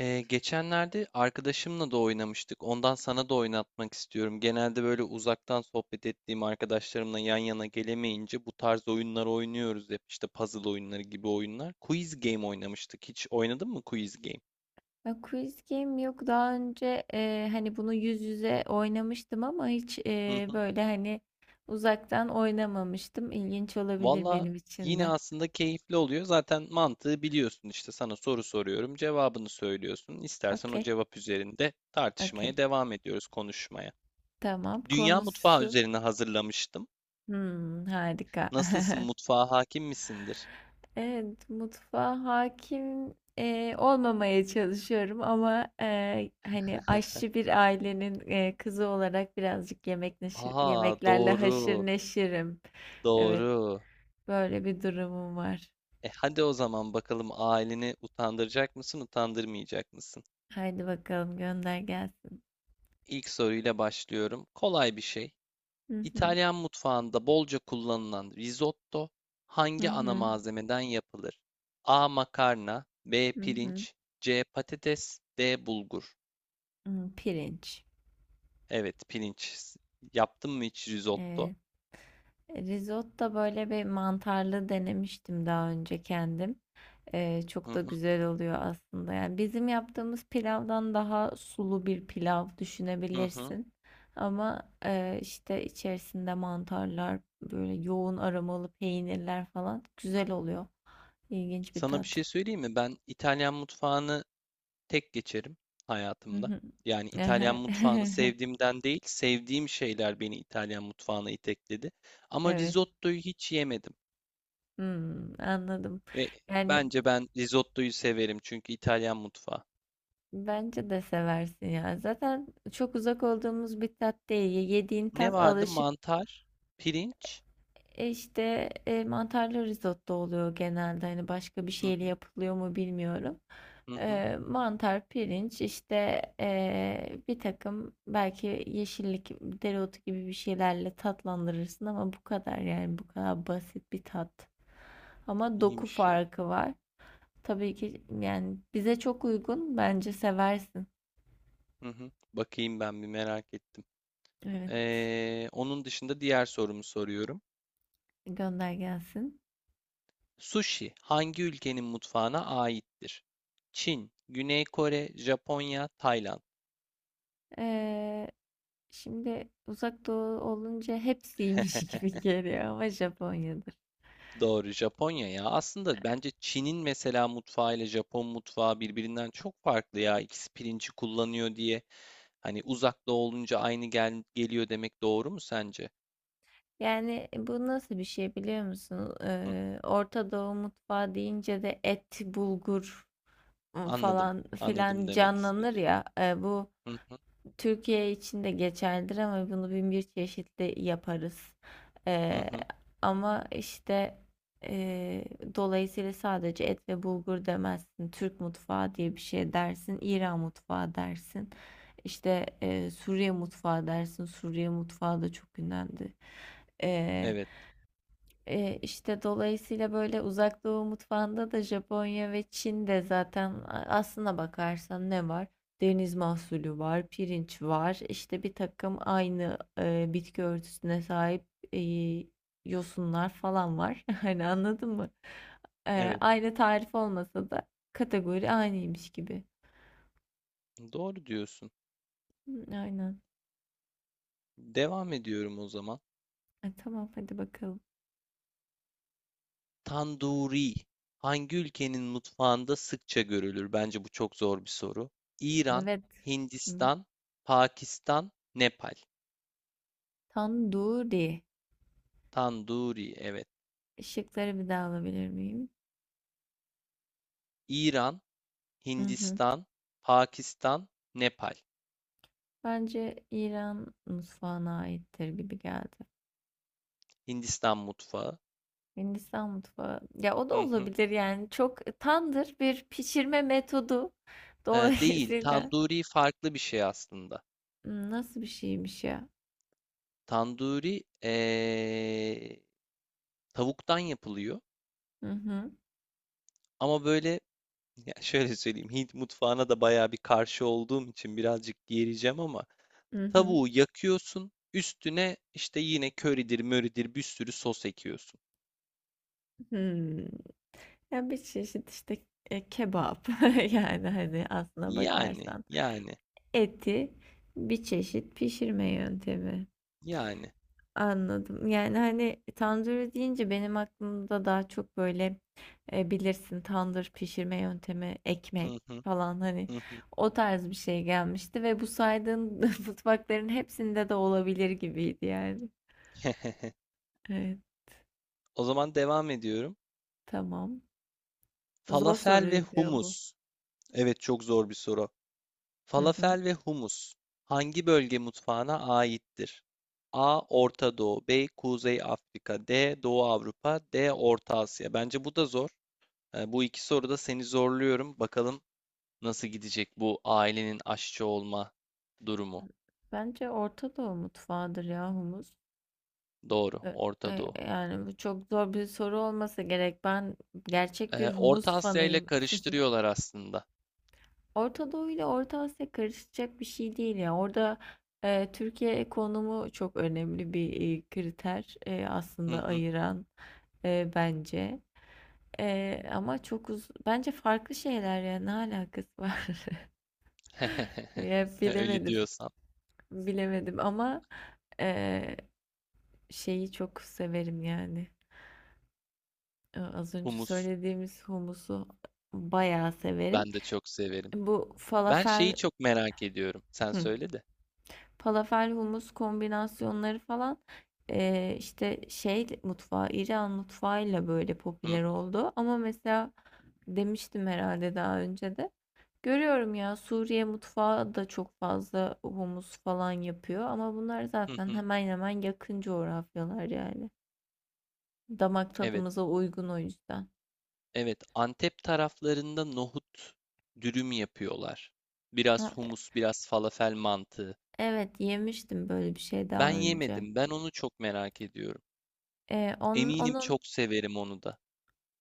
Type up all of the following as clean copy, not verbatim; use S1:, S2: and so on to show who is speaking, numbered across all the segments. S1: Geçenlerde arkadaşımla da oynamıştık. Ondan sana da oynatmak istiyorum. Genelde böyle uzaktan sohbet ettiğim arkadaşlarımla yan yana gelemeyince bu tarz oyunlar oynuyoruz hep. İşte puzzle oyunları gibi oyunlar. Quiz game oynamıştık. Hiç oynadın mı quiz game?
S2: Ya Quiz Game yok daha önce hani bunu yüz yüze oynamıştım ama hiç
S1: Hı hı.
S2: böyle hani uzaktan oynamamıştım. İlginç olabilir
S1: Valla
S2: benim için
S1: yine
S2: de.
S1: aslında keyifli oluyor. Zaten mantığı biliyorsun. İşte sana soru soruyorum, cevabını söylüyorsun. İstersen o
S2: Okey,
S1: cevap üzerinde tartışmaya
S2: okey.
S1: devam ediyoruz, konuşmaya.
S2: Tamam.
S1: Dünya mutfağı
S2: Konusu.
S1: üzerine hazırlamıştım.
S2: Hmm, harika.
S1: Nasılsın? Mutfağa hakim misindir?
S2: Evet, mutfağa hakim olmamaya çalışıyorum ama hani aşçı bir ailenin kızı olarak birazcık yemek neşir,
S1: Aa
S2: yemeklerle haşır
S1: doğru,
S2: neşirim. Evet,
S1: doğru.
S2: böyle bir durumum var.
S1: E hadi o zaman bakalım aileni utandıracak mısın, utandırmayacak mısın?
S2: Haydi bakalım gönder gelsin.
S1: İlk soruyla başlıyorum. Kolay bir şey.
S2: Hı hı,
S1: İtalyan mutfağında bolca kullanılan risotto
S2: hı
S1: hangi ana
S2: hı,
S1: malzemeden yapılır? A. Makarna, B.
S2: hı hı.
S1: Pirinç, C. Patates, D. Bulgur.
S2: Hı, pirinç.
S1: Evet, pirinç. Yaptın mı hiç risotto?
S2: Evet. Risotto böyle bir mantarlı denemiştim daha önce kendim.
S1: Hı
S2: Çok da
S1: hı,
S2: güzel oluyor aslında. Yani bizim yaptığımız pilavdan daha sulu bir pilav
S1: hı hı.
S2: düşünebilirsin. Ama işte içerisinde mantarlar, böyle yoğun aromalı peynirler falan güzel oluyor. İlginç bir
S1: Sana bir
S2: tat.
S1: şey söyleyeyim mi? Ben İtalyan mutfağını tek geçerim
S2: Hı
S1: hayatımda.
S2: hı.
S1: Yani İtalyan
S2: Ehe.
S1: mutfağını sevdiğimden değil, sevdiğim şeyler beni İtalyan mutfağına itekledi. Ama
S2: Evet.
S1: risottoyu hiç yemedim
S2: Hımm, anladım.
S1: ve
S2: Yani,
S1: bence ben risottoyu severim çünkü İtalyan mutfağı.
S2: bence de seversin ya. Zaten çok uzak olduğumuz bir tat değil. Yediğin
S1: Ne
S2: tat
S1: vardı?
S2: alışık,
S1: Mantar, pirinç.
S2: mantarlı risotto oluyor genelde. Hani, başka bir
S1: Hı
S2: şeyle
S1: hı
S2: yapılıyor mu bilmiyorum.
S1: hı hı.
S2: Mantar, pirinç, işte, bir takım belki yeşillik, dereotu gibi bir şeylerle tatlandırırsın ama bu kadar, yani, bu kadar basit bir tat. Ama doku
S1: İyiymiş ya.
S2: farkı var. Tabii ki yani bize çok uygun. Bence seversin.
S1: Hı hı. Bakayım ben bir merak ettim.
S2: Evet.
S1: Onun dışında diğer sorumu soruyorum.
S2: Gönder gelsin.
S1: Sushi hangi ülkenin mutfağına aittir? Çin, Güney Kore, Japonya, Tayland.
S2: Ee, Şimdi Uzak Doğu olunca hepsiymiş gibi geliyor ama Japonya'dır.
S1: Doğru, Japonya ya. Aslında bence Çin'in mesela mutfağı ile Japon mutfağı birbirinden çok farklı ya. İkisi pirinci kullanıyor diye. Hani uzakta olunca aynı gel geliyor demek doğru mu sence?
S2: Yani bu nasıl bir şey biliyor musun?
S1: Hı,
S2: Orta Doğu mutfağı deyince de et, bulgur
S1: anladım.
S2: falan
S1: Anladım
S2: filan
S1: demek
S2: canlanır
S1: istediğini.
S2: ya. Bu
S1: Hı hı,
S2: Türkiye için de geçerlidir ama bunu bin bir çeşitli yaparız.
S1: hı
S2: Ee,
S1: hı.
S2: ama işte e, Dolayısıyla sadece et ve bulgur demezsin. Türk mutfağı diye bir şey dersin. İran mutfağı dersin. İşte Suriye mutfağı dersin. Suriye mutfağı da çok ünlendi. Ee,
S1: Evet,
S2: işte dolayısıyla böyle Uzak Doğu mutfağında da Japonya ve Çin'de zaten aslına bakarsan ne var? Deniz mahsulü var, pirinç var, işte bir takım aynı bitki örtüsüne sahip e, yosunlar falan var. Hani anladın mı?
S1: evet.
S2: Aynı tarif olmasa da kategori aynıymış gibi.
S1: Doğru diyorsun.
S2: Hı, aynen.
S1: Devam ediyorum o zaman.
S2: E, tamam hadi bakalım.
S1: Tanduri. Hangi ülkenin mutfağında sıkça görülür? Bence bu çok zor bir soru. İran,
S2: Evet. Hı.
S1: Hindistan, Pakistan, Nepal.
S2: Tanduri.
S1: Tanduri, evet.
S2: Işıkları bir daha alabilir miyim?
S1: İran,
S2: Hı hı.
S1: Hindistan, Pakistan, Nepal.
S2: Bence İran mutfağına aittir gibi geldi.
S1: Hindistan mutfağı.
S2: Hindistan mutfağı. Ya o
S1: Hı
S2: da
S1: hı.
S2: olabilir yani. Çok tandır bir pişirme metodu.
S1: Değil,
S2: Dolayısıyla
S1: tanduri farklı bir şey aslında.
S2: hmm, nasıl bir şeymiş ya?
S1: Tanduri tavuktan yapılıyor.
S2: Hı hı.
S1: Ama böyle ya şöyle söyleyeyim, Hint mutfağına da bayağı bir karşı olduğum için birazcık yereceğim ama
S2: Hı hı.
S1: tavuğu yakıyorsun, üstüne işte yine köridir, möridir bir sürü sos ekiyorsun.
S2: Hmm. Ya bir çeşit işte kebap. Yani hani aslına
S1: Yani,
S2: bakarsan
S1: yani,
S2: eti bir çeşit pişirme yöntemi.
S1: Yani.
S2: Anladım. Yani, hani, tandır deyince benim aklımda daha çok, böyle, bilirsin tandır pişirme yöntemi, ekmek
S1: Hı hı,
S2: falan, hani,
S1: hı hı.
S2: o tarz bir şey gelmişti ve bu saydığın mutfakların hepsinde de olabilir gibiydi yani. Evet,
S1: O zaman devam ediyorum.
S2: tamam. Zor
S1: Falafel ve
S2: soruydu ya bu.
S1: humus. Evet çok zor bir soru.
S2: Hı hı.
S1: Falafel ve humus hangi bölge mutfağına aittir? A. Orta Doğu, B. Kuzey Afrika, D. Doğu Avrupa, D. Orta Asya. Bence bu da zor. E, bu iki soruda seni zorluyorum. Bakalım nasıl gidecek bu ailenin aşçı olma durumu.
S2: Bence Orta Doğu mutfağıdır ya humus.
S1: Doğru,
S2: E
S1: Orta Doğu.
S2: Yani, bu çok zor bir soru olmasa gerek. Ben gerçek bir
S1: E,
S2: humus
S1: Orta Asya ile
S2: fanıyım.
S1: karıştırıyorlar aslında.
S2: Orta Doğu ile Orta Asya karışacak bir şey değil ya. Orada Türkiye konumu çok önemli bir kriter
S1: Hı
S2: aslında
S1: hı.
S2: ayıran bence. Ama çok uz bence farklı şeyler ya ne alakası var? Ya
S1: Öyle
S2: bilemedim.
S1: diyorsan.
S2: Bilemedim ama e, şeyi çok severim yani. E, az önce
S1: Humus
S2: söylediğimiz humusu bayağı severim.
S1: ben de çok severim.
S2: Bu
S1: Ben şeyi
S2: falafel.
S1: çok merak ediyorum. Sen
S2: Hı.
S1: söyle de.
S2: Falafel humus kombinasyonları falan işte şey mutfağı İran mutfağıyla böyle
S1: Hı,
S2: popüler oldu. Ama mesela demiştim herhalde daha önce de. Görüyorum ya Suriye mutfağı da çok fazla humus falan yapıyor ama bunlar zaten
S1: hı.
S2: hemen hemen yakın coğrafyalar yani. Damak
S1: Evet,
S2: tadımıza uygun o yüzden.
S1: evet. Antep taraflarında nohut dürüm yapıyorlar.
S2: Ha,
S1: Biraz humus, biraz falafel mantığı.
S2: evet yemiştim böyle bir şey
S1: Ben
S2: daha önce.
S1: yemedim. Ben onu çok merak ediyorum. Eminim
S2: Onun
S1: çok severim onu da.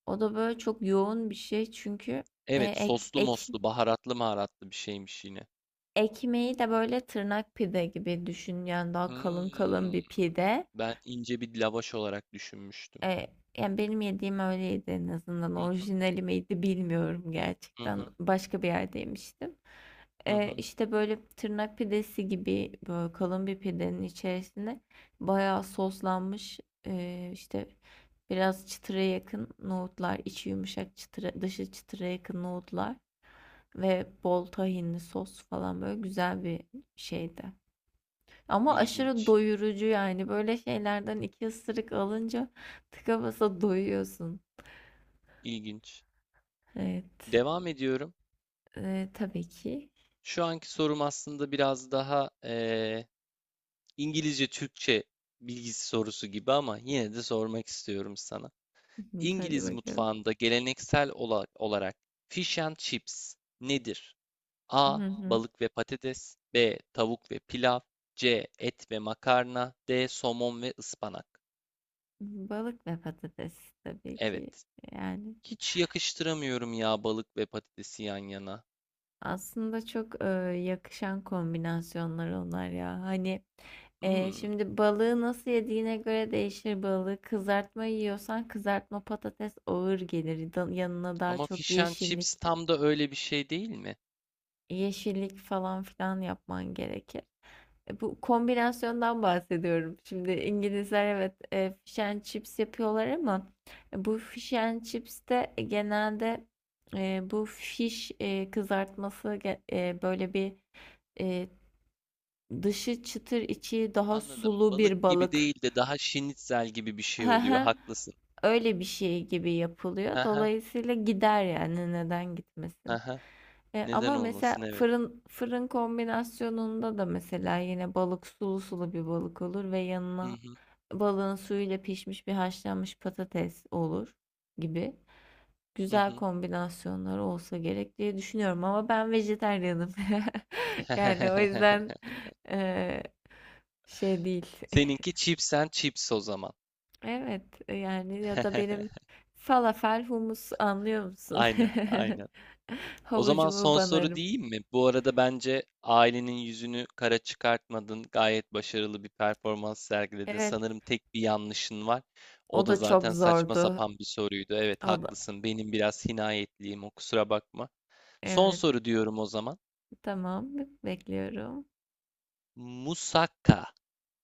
S2: o da böyle çok yoğun bir şey çünkü e,
S1: Evet,
S2: ek,
S1: soslu
S2: ek
S1: moslu, baharatlı maharatlı bir şeymiş yine.
S2: ekmeği de böyle tırnak pide gibi düşün yani daha kalın kalın
S1: Hmm,
S2: bir pide.
S1: ben ince bir lavaş olarak düşünmüştüm.
S2: E, Yani benim yediğim öyleydi en azından,
S1: Hı hı,
S2: orijinali miydi bilmiyorum,
S1: hı
S2: gerçekten
S1: hı,
S2: başka bir yerde yemiştim.
S1: hı hı.
S2: İşte böyle tırnak pidesi gibi böyle kalın bir pidenin içerisine bayağı soslanmış e, işte biraz çıtıra yakın nohutlar, içi yumuşak çıtıra dışı çıtıra yakın nohutlar ve bol tahinli sos falan, böyle güzel bir şeydi. Ama aşırı
S1: İlginç,
S2: doyurucu yani böyle şeylerden iki ısırık alınca tıka basa doyuyorsun.
S1: ilginç.
S2: Evet.
S1: Devam ediyorum.
S2: Tabii ki.
S1: Şu anki sorum aslında biraz daha İngilizce Türkçe bilgisi sorusu gibi ama yine de sormak istiyorum sana.
S2: Hadi
S1: İngiliz
S2: bakalım.
S1: mutfağında geleneksel olarak fish and chips nedir? A.
S2: Hı hı.
S1: Balık ve patates, B. Tavuk ve pilav, C. Et ve makarna, D. Somon ve ıspanak.
S2: Balık ve patates tabii ki.
S1: Evet.
S2: Yani
S1: Hiç yakıştıramıyorum ya balık ve patatesi yan yana.
S2: aslında çok yakışan kombinasyonlar onlar ya. Hani
S1: Hmm,
S2: şimdi balığı nasıl yediğine göre değişir balığı. Kızartma yiyorsan kızartma patates ağır gelir. Yanına daha
S1: ama
S2: çok
S1: fish and chips
S2: yeşillik,
S1: tam da öyle bir şey değil mi?
S2: yeşillik falan filan yapman gerekir. E, bu kombinasyondan bahsediyorum. Şimdi İngilizler evet fish and chips yapıyorlar ama bu fish and chips de genelde e, bu fish e, kızartması ge- e, böyle bir e, dışı çıtır içi daha
S1: Anladım.
S2: sulu bir
S1: Balık gibi
S2: balık.
S1: değil de daha şinitzel gibi bir şey
S2: Hı
S1: oluyor.
S2: hı.
S1: Haklısın.
S2: Öyle bir şey gibi yapılıyor.
S1: Haha,
S2: Dolayısıyla gider yani neden gitmesin?
S1: haha. Neden
S2: Ama mesela
S1: olmasın? Evet.
S2: fırın kombinasyonunda da mesela yine balık sulu sulu bir balık olur ve
S1: Hı
S2: yanına
S1: hı,
S2: balığın suyuyla pişmiş bir haşlanmış patates olur gibi.
S1: hı
S2: Güzel
S1: hı.
S2: kombinasyonlar olsa gerek diye düşünüyorum ama ben vejetaryenim. Yani o yüzden e, şey değil.
S1: Seninki chips and chips o zaman.
S2: Evet yani ya da benim falafel humus, anlıyor musun?
S1: Aynen, aynen. O zaman
S2: Havucumu
S1: son soru
S2: banarım.
S1: diyeyim mi? Bu arada bence ailenin yüzünü kara çıkartmadın. Gayet başarılı bir performans sergiledin.
S2: Evet.
S1: Sanırım tek bir yanlışın var. O
S2: O
S1: da
S2: da çok
S1: zaten saçma
S2: zordu.
S1: sapan bir soruydu. Evet,
S2: O da-
S1: haklısın. Benim biraz hinayetliyim. O kusura bakma. Son
S2: evet,
S1: soru diyorum o zaman.
S2: tamam. Bekliyorum.
S1: Musakka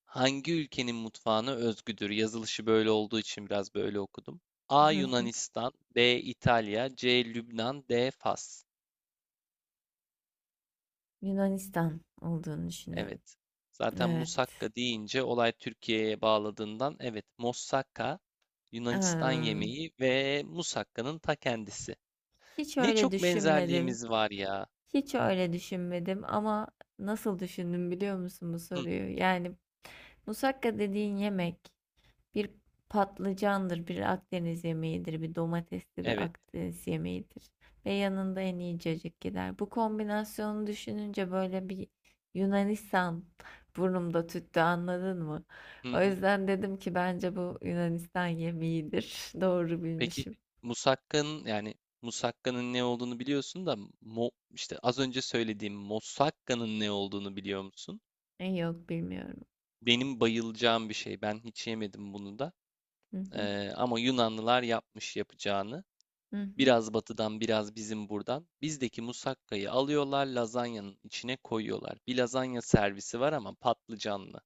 S1: hangi ülkenin mutfağına özgüdür? Yazılışı böyle olduğu için biraz böyle okudum. A. Yunanistan, B. İtalya, C. Lübnan, D. Fas.
S2: Yunanistan olduğunu düşünüyorum.
S1: Evet. Zaten
S2: Evet.
S1: musakka deyince olay Türkiye'ye bağladığından evet moussaka Yunanistan
S2: Em,
S1: yemeği ve musakkanın ta kendisi.
S2: hiç
S1: Ne
S2: öyle
S1: çok
S2: düşünmedim.
S1: benzerliğimiz var ya.
S2: Hiç öyle düşünmedim ama nasıl düşündüm biliyor musun bu
S1: Hı,
S2: soruyu? Yani musakka dediğin yemek bir patlıcandır, bir Akdeniz yemeğidir, bir domatesli bir
S1: evet.
S2: Akdeniz yemeğidir. Ve yanında en iyi cacık gider. Bu kombinasyonu düşününce böyle bir Yunanistan burnumda tüttü, anladın mı?
S1: Hı
S2: O
S1: hı.
S2: yüzden dedim ki bence bu Yunanistan yemeğidir. Doğru
S1: Peki
S2: bilmişim.
S1: Musakka'nın yani Musakka'nın ne olduğunu biliyorsun da mo, işte az önce söylediğim Mosakka'nın ne olduğunu biliyor musun?
S2: E, yok bilmiyorum.
S1: Benim bayılacağım bir şey. Ben hiç yemedim bunu da.
S2: Hı hı,
S1: Ama Yunanlılar yapmış yapacağını.
S2: hı hı.
S1: Biraz batıdan biraz bizim buradan. Bizdeki musakkayı alıyorlar lazanyanın içine koyuyorlar. Bir lazanya servisi var ama patlıcanlı,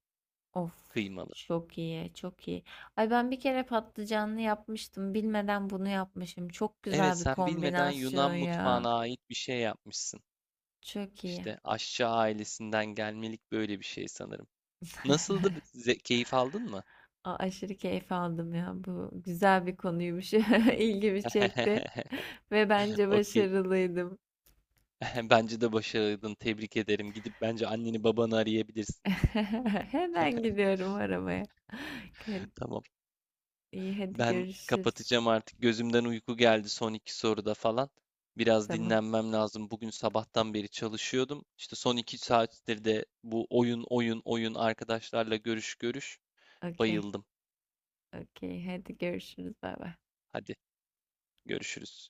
S2: Of.
S1: kıymalı.
S2: Çok iyi, çok iyi. Ay ben bir kere patlıcanlı yapmıştım. Bilmeden bunu yapmışım. Çok
S1: Evet
S2: güzel bir
S1: sen bilmeden Yunan
S2: kombinasyon ya.
S1: mutfağına ait bir şey yapmışsın.
S2: Çok iyi.
S1: İşte aşçı ailesinden gelmelik böyle bir şey sanırım. Nasıldı? Keyif aldın mı?
S2: Aşırı keyif aldım ya. Bu güzel bir konuymuş. İlgimi çekti. Ve bence
S1: Okey.
S2: başarılıydım.
S1: Bence de başardın. Tebrik ederim. Gidip bence anneni babanı arayabilirsin.
S2: Hemen gidiyorum aramaya. Hadi-
S1: Tamam.
S2: İyi, hadi
S1: Ben
S2: görüşürüz.
S1: kapatacağım artık. Gözümden uyku geldi son iki soruda falan. Biraz
S2: Tamam.
S1: dinlenmem lazım. Bugün sabahtan beri çalışıyordum. İşte son iki saattir de bu oyun arkadaşlarla görüş.
S2: Okey.
S1: Bayıldım.
S2: Okey. Hadi görüşürüz. Bay bay.
S1: Hadi görüşürüz.